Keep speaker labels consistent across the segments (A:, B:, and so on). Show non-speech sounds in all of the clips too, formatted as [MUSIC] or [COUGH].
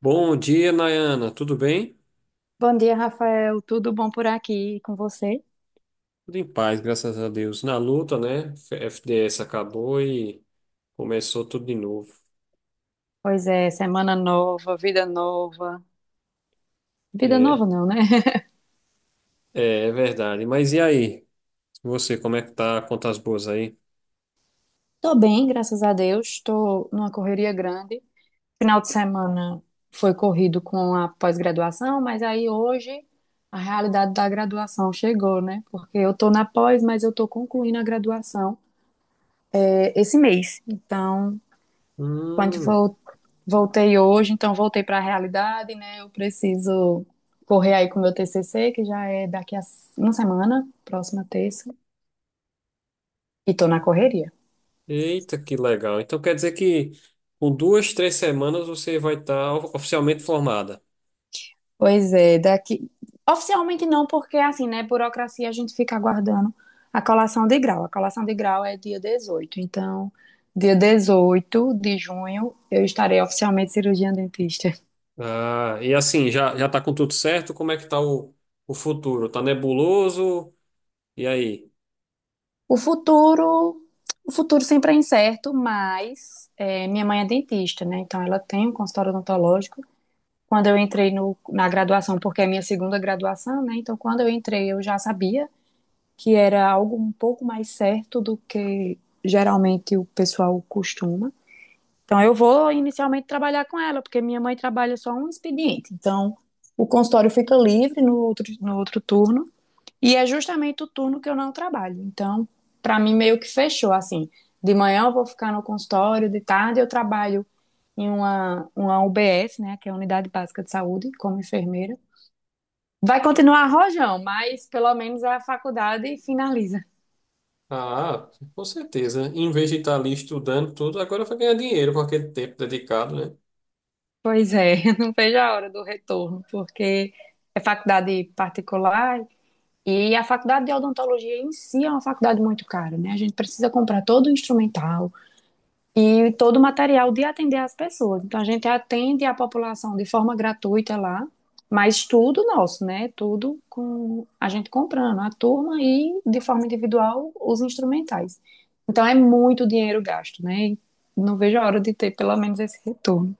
A: Bom dia, Nayana. Tudo bem?
B: Bom dia, Rafael. Tudo bom por aqui e com você?
A: Tudo em paz, graças a Deus. Na luta, né? FDS acabou e começou tudo de novo.
B: Pois é, semana nova, vida nova. Vida
A: É,
B: nova não, né? [LAUGHS]
A: é verdade. Mas e aí? Você, como é que tá? Contas boas aí?
B: Tô bem, graças a Deus. Tô numa correria grande. Final de semana foi corrido com a pós-graduação, mas aí hoje a realidade da graduação chegou, né? Porque eu tô na pós, mas eu tô concluindo a graduação esse mês. Então, quando
A: Hum,
B: for voltei hoje, então voltei para a realidade, né? Eu preciso correr aí com o meu TCC, que já é daqui a uma semana, próxima terça, e tô na correria.
A: eita, que legal. Então quer dizer que com duas, três semanas você vai estar oficialmente formada.
B: Pois é, daqui. Oficialmente não, porque assim, né? Burocracia a gente fica aguardando a colação de grau. A colação de grau é dia 18 então. Dia 18 de junho, eu estarei oficialmente cirurgiã dentista.
A: Ah, e assim, já tá com tudo certo? Como é que tá o futuro? Tá nebuloso? E aí?
B: O futuro, o futuro sempre é incerto, mas minha mãe é dentista, né? Então ela tem um consultório odontológico quando eu entrei no, na graduação, porque é minha segunda graduação, né? Então, quando eu entrei, eu já sabia que era algo um pouco mais certo do que geralmente o pessoal costuma. Então, eu vou inicialmente trabalhar com ela, porque minha mãe trabalha só um expediente. Então, o consultório fica livre no outro turno, e é justamente o turno que eu não trabalho. Então, para mim, meio que fechou assim. De manhã eu vou ficar no consultório, de tarde eu trabalho em uma UBS, né, que é a Unidade Básica de Saúde, como enfermeira. Vai continuar rojão, mas pelo menos a faculdade finaliza.
A: Ah, com certeza. Em vez de estar ali estudando tudo, agora vai ganhar dinheiro com aquele tempo dedicado, né?
B: Pois é, [LAUGHS] não vejo a hora do retorno, porque é faculdade particular e a faculdade de odontologia em si é uma faculdade muito cara, né? A gente precisa comprar todo o instrumental, e todo o material de atender as pessoas. Então, a gente atende a população de forma gratuita lá, mas tudo nosso, né? Tudo com a gente comprando, a turma e, de forma individual, os instrumentais. Então, é muito dinheiro gasto, né? E não vejo a hora de ter pelo menos esse retorno.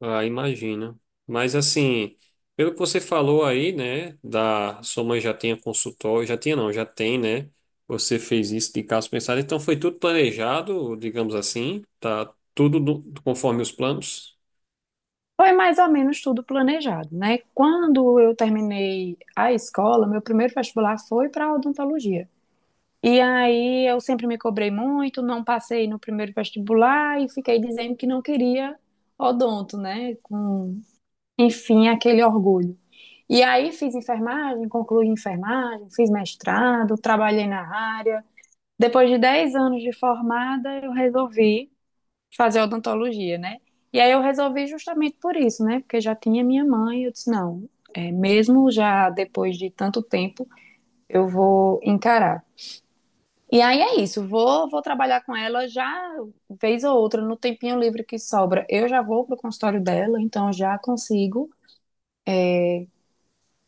A: Ah, imagino. Mas assim, pelo que você falou aí, né, da sua mãe já tinha consultório, já tinha não, já tem, né? Você fez isso de caso pensado, então foi tudo planejado, digamos assim, tá tudo conforme os planos.
B: Foi mais ou menos tudo planejado, né? Quando eu terminei a escola, meu primeiro vestibular foi para odontologia. E aí eu sempre me cobrei muito, não passei no primeiro vestibular e fiquei dizendo que não queria odonto, né? Com, enfim, aquele orgulho. E aí fiz enfermagem, concluí enfermagem, fiz mestrado, trabalhei na área. Depois de 10 anos de formada, eu resolvi fazer odontologia, né? E aí eu resolvi justamente por isso, né? Porque já tinha minha mãe, eu disse, não, é, mesmo já depois de tanto tempo, eu vou encarar. E aí é isso, vou trabalhar com ela já vez ou outra, no tempinho livre que sobra. Eu já vou pro consultório dela, então já consigo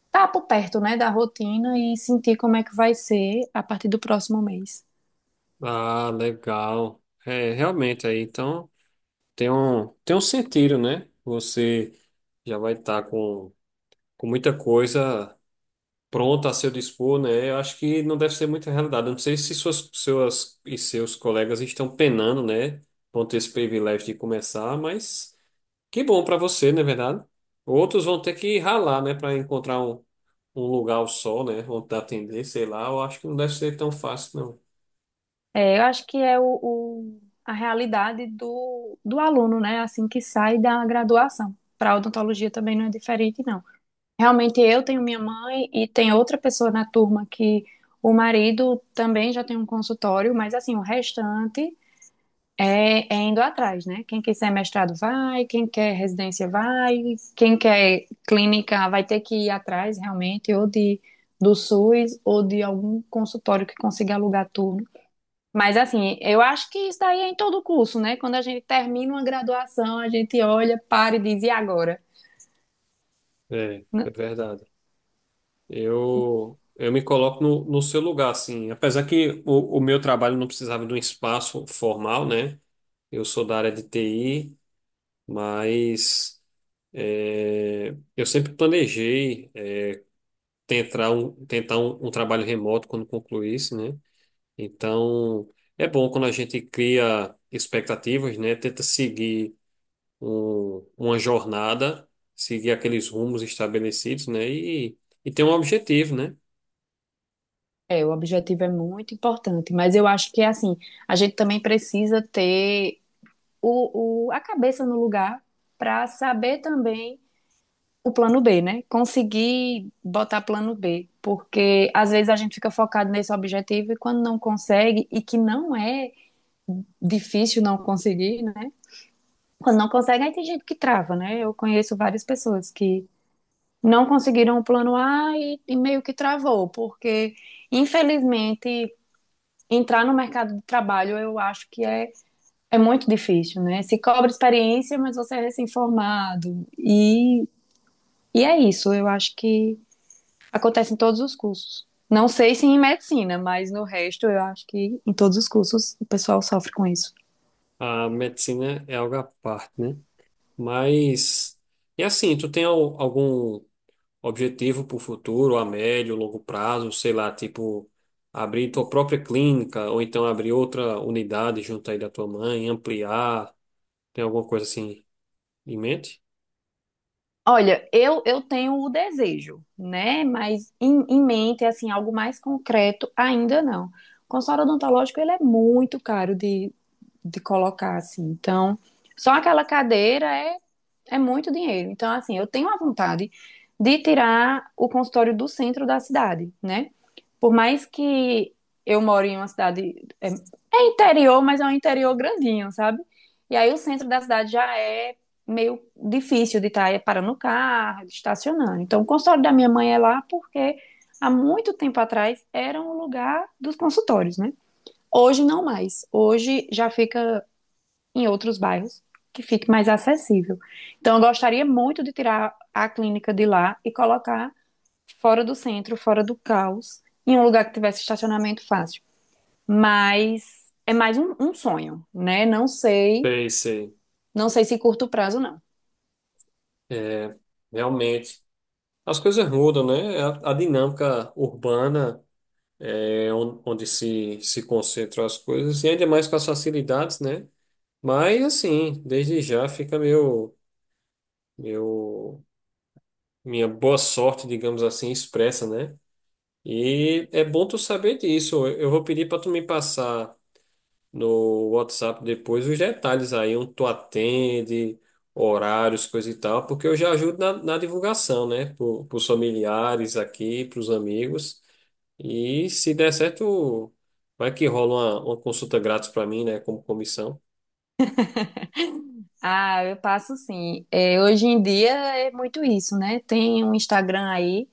B: estar por perto, né, da rotina e sentir como é que vai ser a partir do próximo mês.
A: Ah, legal. É, realmente aí, então tem um sentido, né? Você já vai estar com muita coisa pronta a seu dispor, né? Eu acho que não deve ser muita realidade. Eu não sei se suas e seus colegas estão penando, né? Vão ter esse privilégio de começar, mas que bom para você, não é verdade? Outros vão ter que ralar, né? Para encontrar um lugar ao sol, né? Vão te atender, sei lá. Eu acho que não deve ser tão fácil, não.
B: É, eu acho que é a realidade do aluno, né, assim que sai da graduação. Para odontologia também não é diferente, não. Realmente eu tenho minha mãe e tem outra pessoa na turma que o marido também já tem um consultório, mas assim, o restante é, é indo atrás, né? Quem quiser mestrado vai, quem quer residência vai, quem quer clínica vai ter que ir atrás realmente, ou do SUS, ou de algum consultório que consiga alugar turno. Mas assim, eu acho que isso daí é em todo o curso, né? Quando a gente termina uma graduação, a gente olha, para e diz, e agora?
A: É, é verdade. Eu me coloco no seu lugar, assim. Apesar que o meu trabalho não precisava de um espaço formal, né? Eu sou da área de TI. Mas é, eu sempre planejei tentar um trabalho remoto quando concluísse, né? Então, é bom quando a gente cria expectativas, né? Tenta seguir uma jornada, seguir aqueles rumos estabelecidos, né? E ter um objetivo, né?
B: É, o objetivo é muito importante, mas eu acho que assim, a gente também precisa ter a cabeça no lugar para saber também o plano B, né? Conseguir botar plano B, porque às vezes a gente fica focado nesse objetivo e quando não consegue, e que não é difícil não conseguir, né? Quando não consegue, aí tem gente que trava, né? Eu conheço várias pessoas que não conseguiram o plano A e meio que travou, porque infelizmente entrar no mercado de trabalho eu acho que é, muito difícil, né? Se cobra experiência, mas você é recém-formado. E é isso, eu acho que acontece em todos os cursos. Não sei se em medicina, mas no resto eu acho que em todos os cursos o pessoal sofre com isso.
A: A medicina é algo à parte, né? Mas, e assim, tu tem algum objetivo para o futuro, a médio, longo prazo, sei lá, tipo, abrir tua própria clínica, ou então abrir outra unidade junto aí da tua mãe, ampliar, tem alguma coisa assim em mente?
B: Olha, eu tenho o desejo, né? Mas em mente, assim, algo mais concreto ainda não. O consultório odontológico, ele é muito caro de colocar, assim. Então, só aquela cadeira é é muito dinheiro. Então, assim, eu tenho a vontade de tirar o consultório do centro da cidade, né? Por mais que eu moro em uma cidade. É, é interior, mas é um interior grandinho, sabe? E aí o centro da cidade já é meio difícil de estar parando o carro, de estacionando. Então, o consultório da minha mãe é lá porque há muito tempo atrás era um lugar dos consultórios, né? Hoje não mais. Hoje já fica em outros bairros que fique mais acessível. Então, eu gostaria muito de tirar a clínica de lá e colocar fora do centro, fora do caos, em um lugar que tivesse estacionamento fácil. Mas é mais um sonho, né? Não sei,
A: Sei, sei.
B: não sei se curto prazo não.
A: É, realmente. As coisas mudam, né? A dinâmica urbana é onde se concentram as coisas, e ainda mais com as facilidades, né? Mas, assim, desde já fica meu, minha boa sorte, digamos assim, expressa, né? E é bom tu saber disso. Eu vou pedir para tu me passar no WhatsApp depois os detalhes aí, onde tu atende, horários, coisa e tal, porque eu já ajudo na divulgação, né? Para os familiares aqui, para os amigos. E se der certo, vai que rola uma consulta grátis para mim, né? Como comissão.
B: Ah, eu passo sim. É, hoje em dia é muito isso, né? Tem um Instagram aí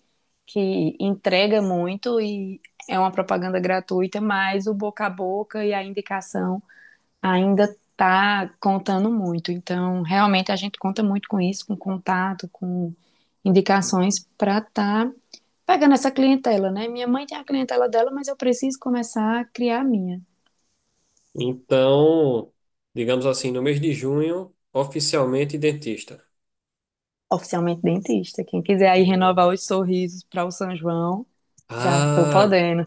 B: que entrega muito e é uma propaganda gratuita, mas o boca a boca e a indicação ainda está contando muito. Então, realmente a gente conta muito com isso, com contato, com indicações para estar pegando essa clientela, né? Minha mãe tem a clientela dela, mas eu preciso começar a criar a minha.
A: Então, digamos assim, no mês de junho, oficialmente dentista.
B: Oficialmente dentista. Quem quiser aí renovar
A: É.
B: os sorrisos para o São João, já estou
A: Ah,
B: podendo.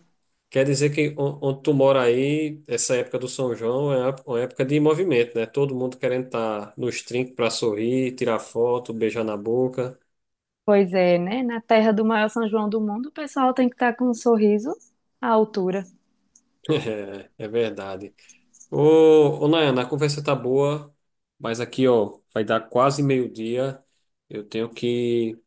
A: quer dizer que onde tu mora aí, essa época do São João é uma época de movimento, né? Todo mundo querendo estar nos trinques para sorrir, tirar foto, beijar na boca.
B: Pois é, né? Na terra do maior São João do mundo, o pessoal tem que estar com um sorriso à altura.
A: [LAUGHS] É, é verdade. Ô, ô Nayana, a conversa tá boa, mas aqui, ó, vai dar quase meio-dia. Eu tenho que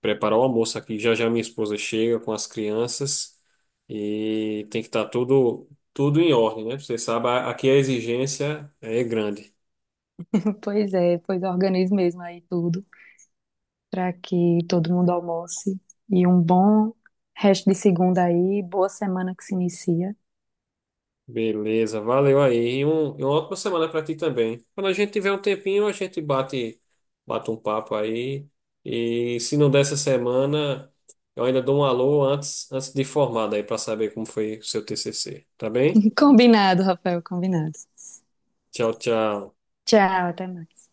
A: preparar o almoço aqui. Já já minha esposa chega com as crianças e tem que estar tudo em ordem, né? Você sabe, aqui a exigência é grande.
B: [LAUGHS] Pois é, pois organize mesmo aí tudo, para que todo mundo almoce e um bom resto de segunda aí, boa semana que se inicia.
A: Beleza, valeu aí. E, um, e uma ótima semana para ti também. Quando a gente tiver um tempinho, a gente bate um papo aí. E se não der essa semana, eu ainda dou um alô antes de formado aí para saber como foi o seu TCC. Tá bem?
B: [LAUGHS] Combinado, Rafael, combinado.
A: Tchau, tchau.
B: Tchau, até mais.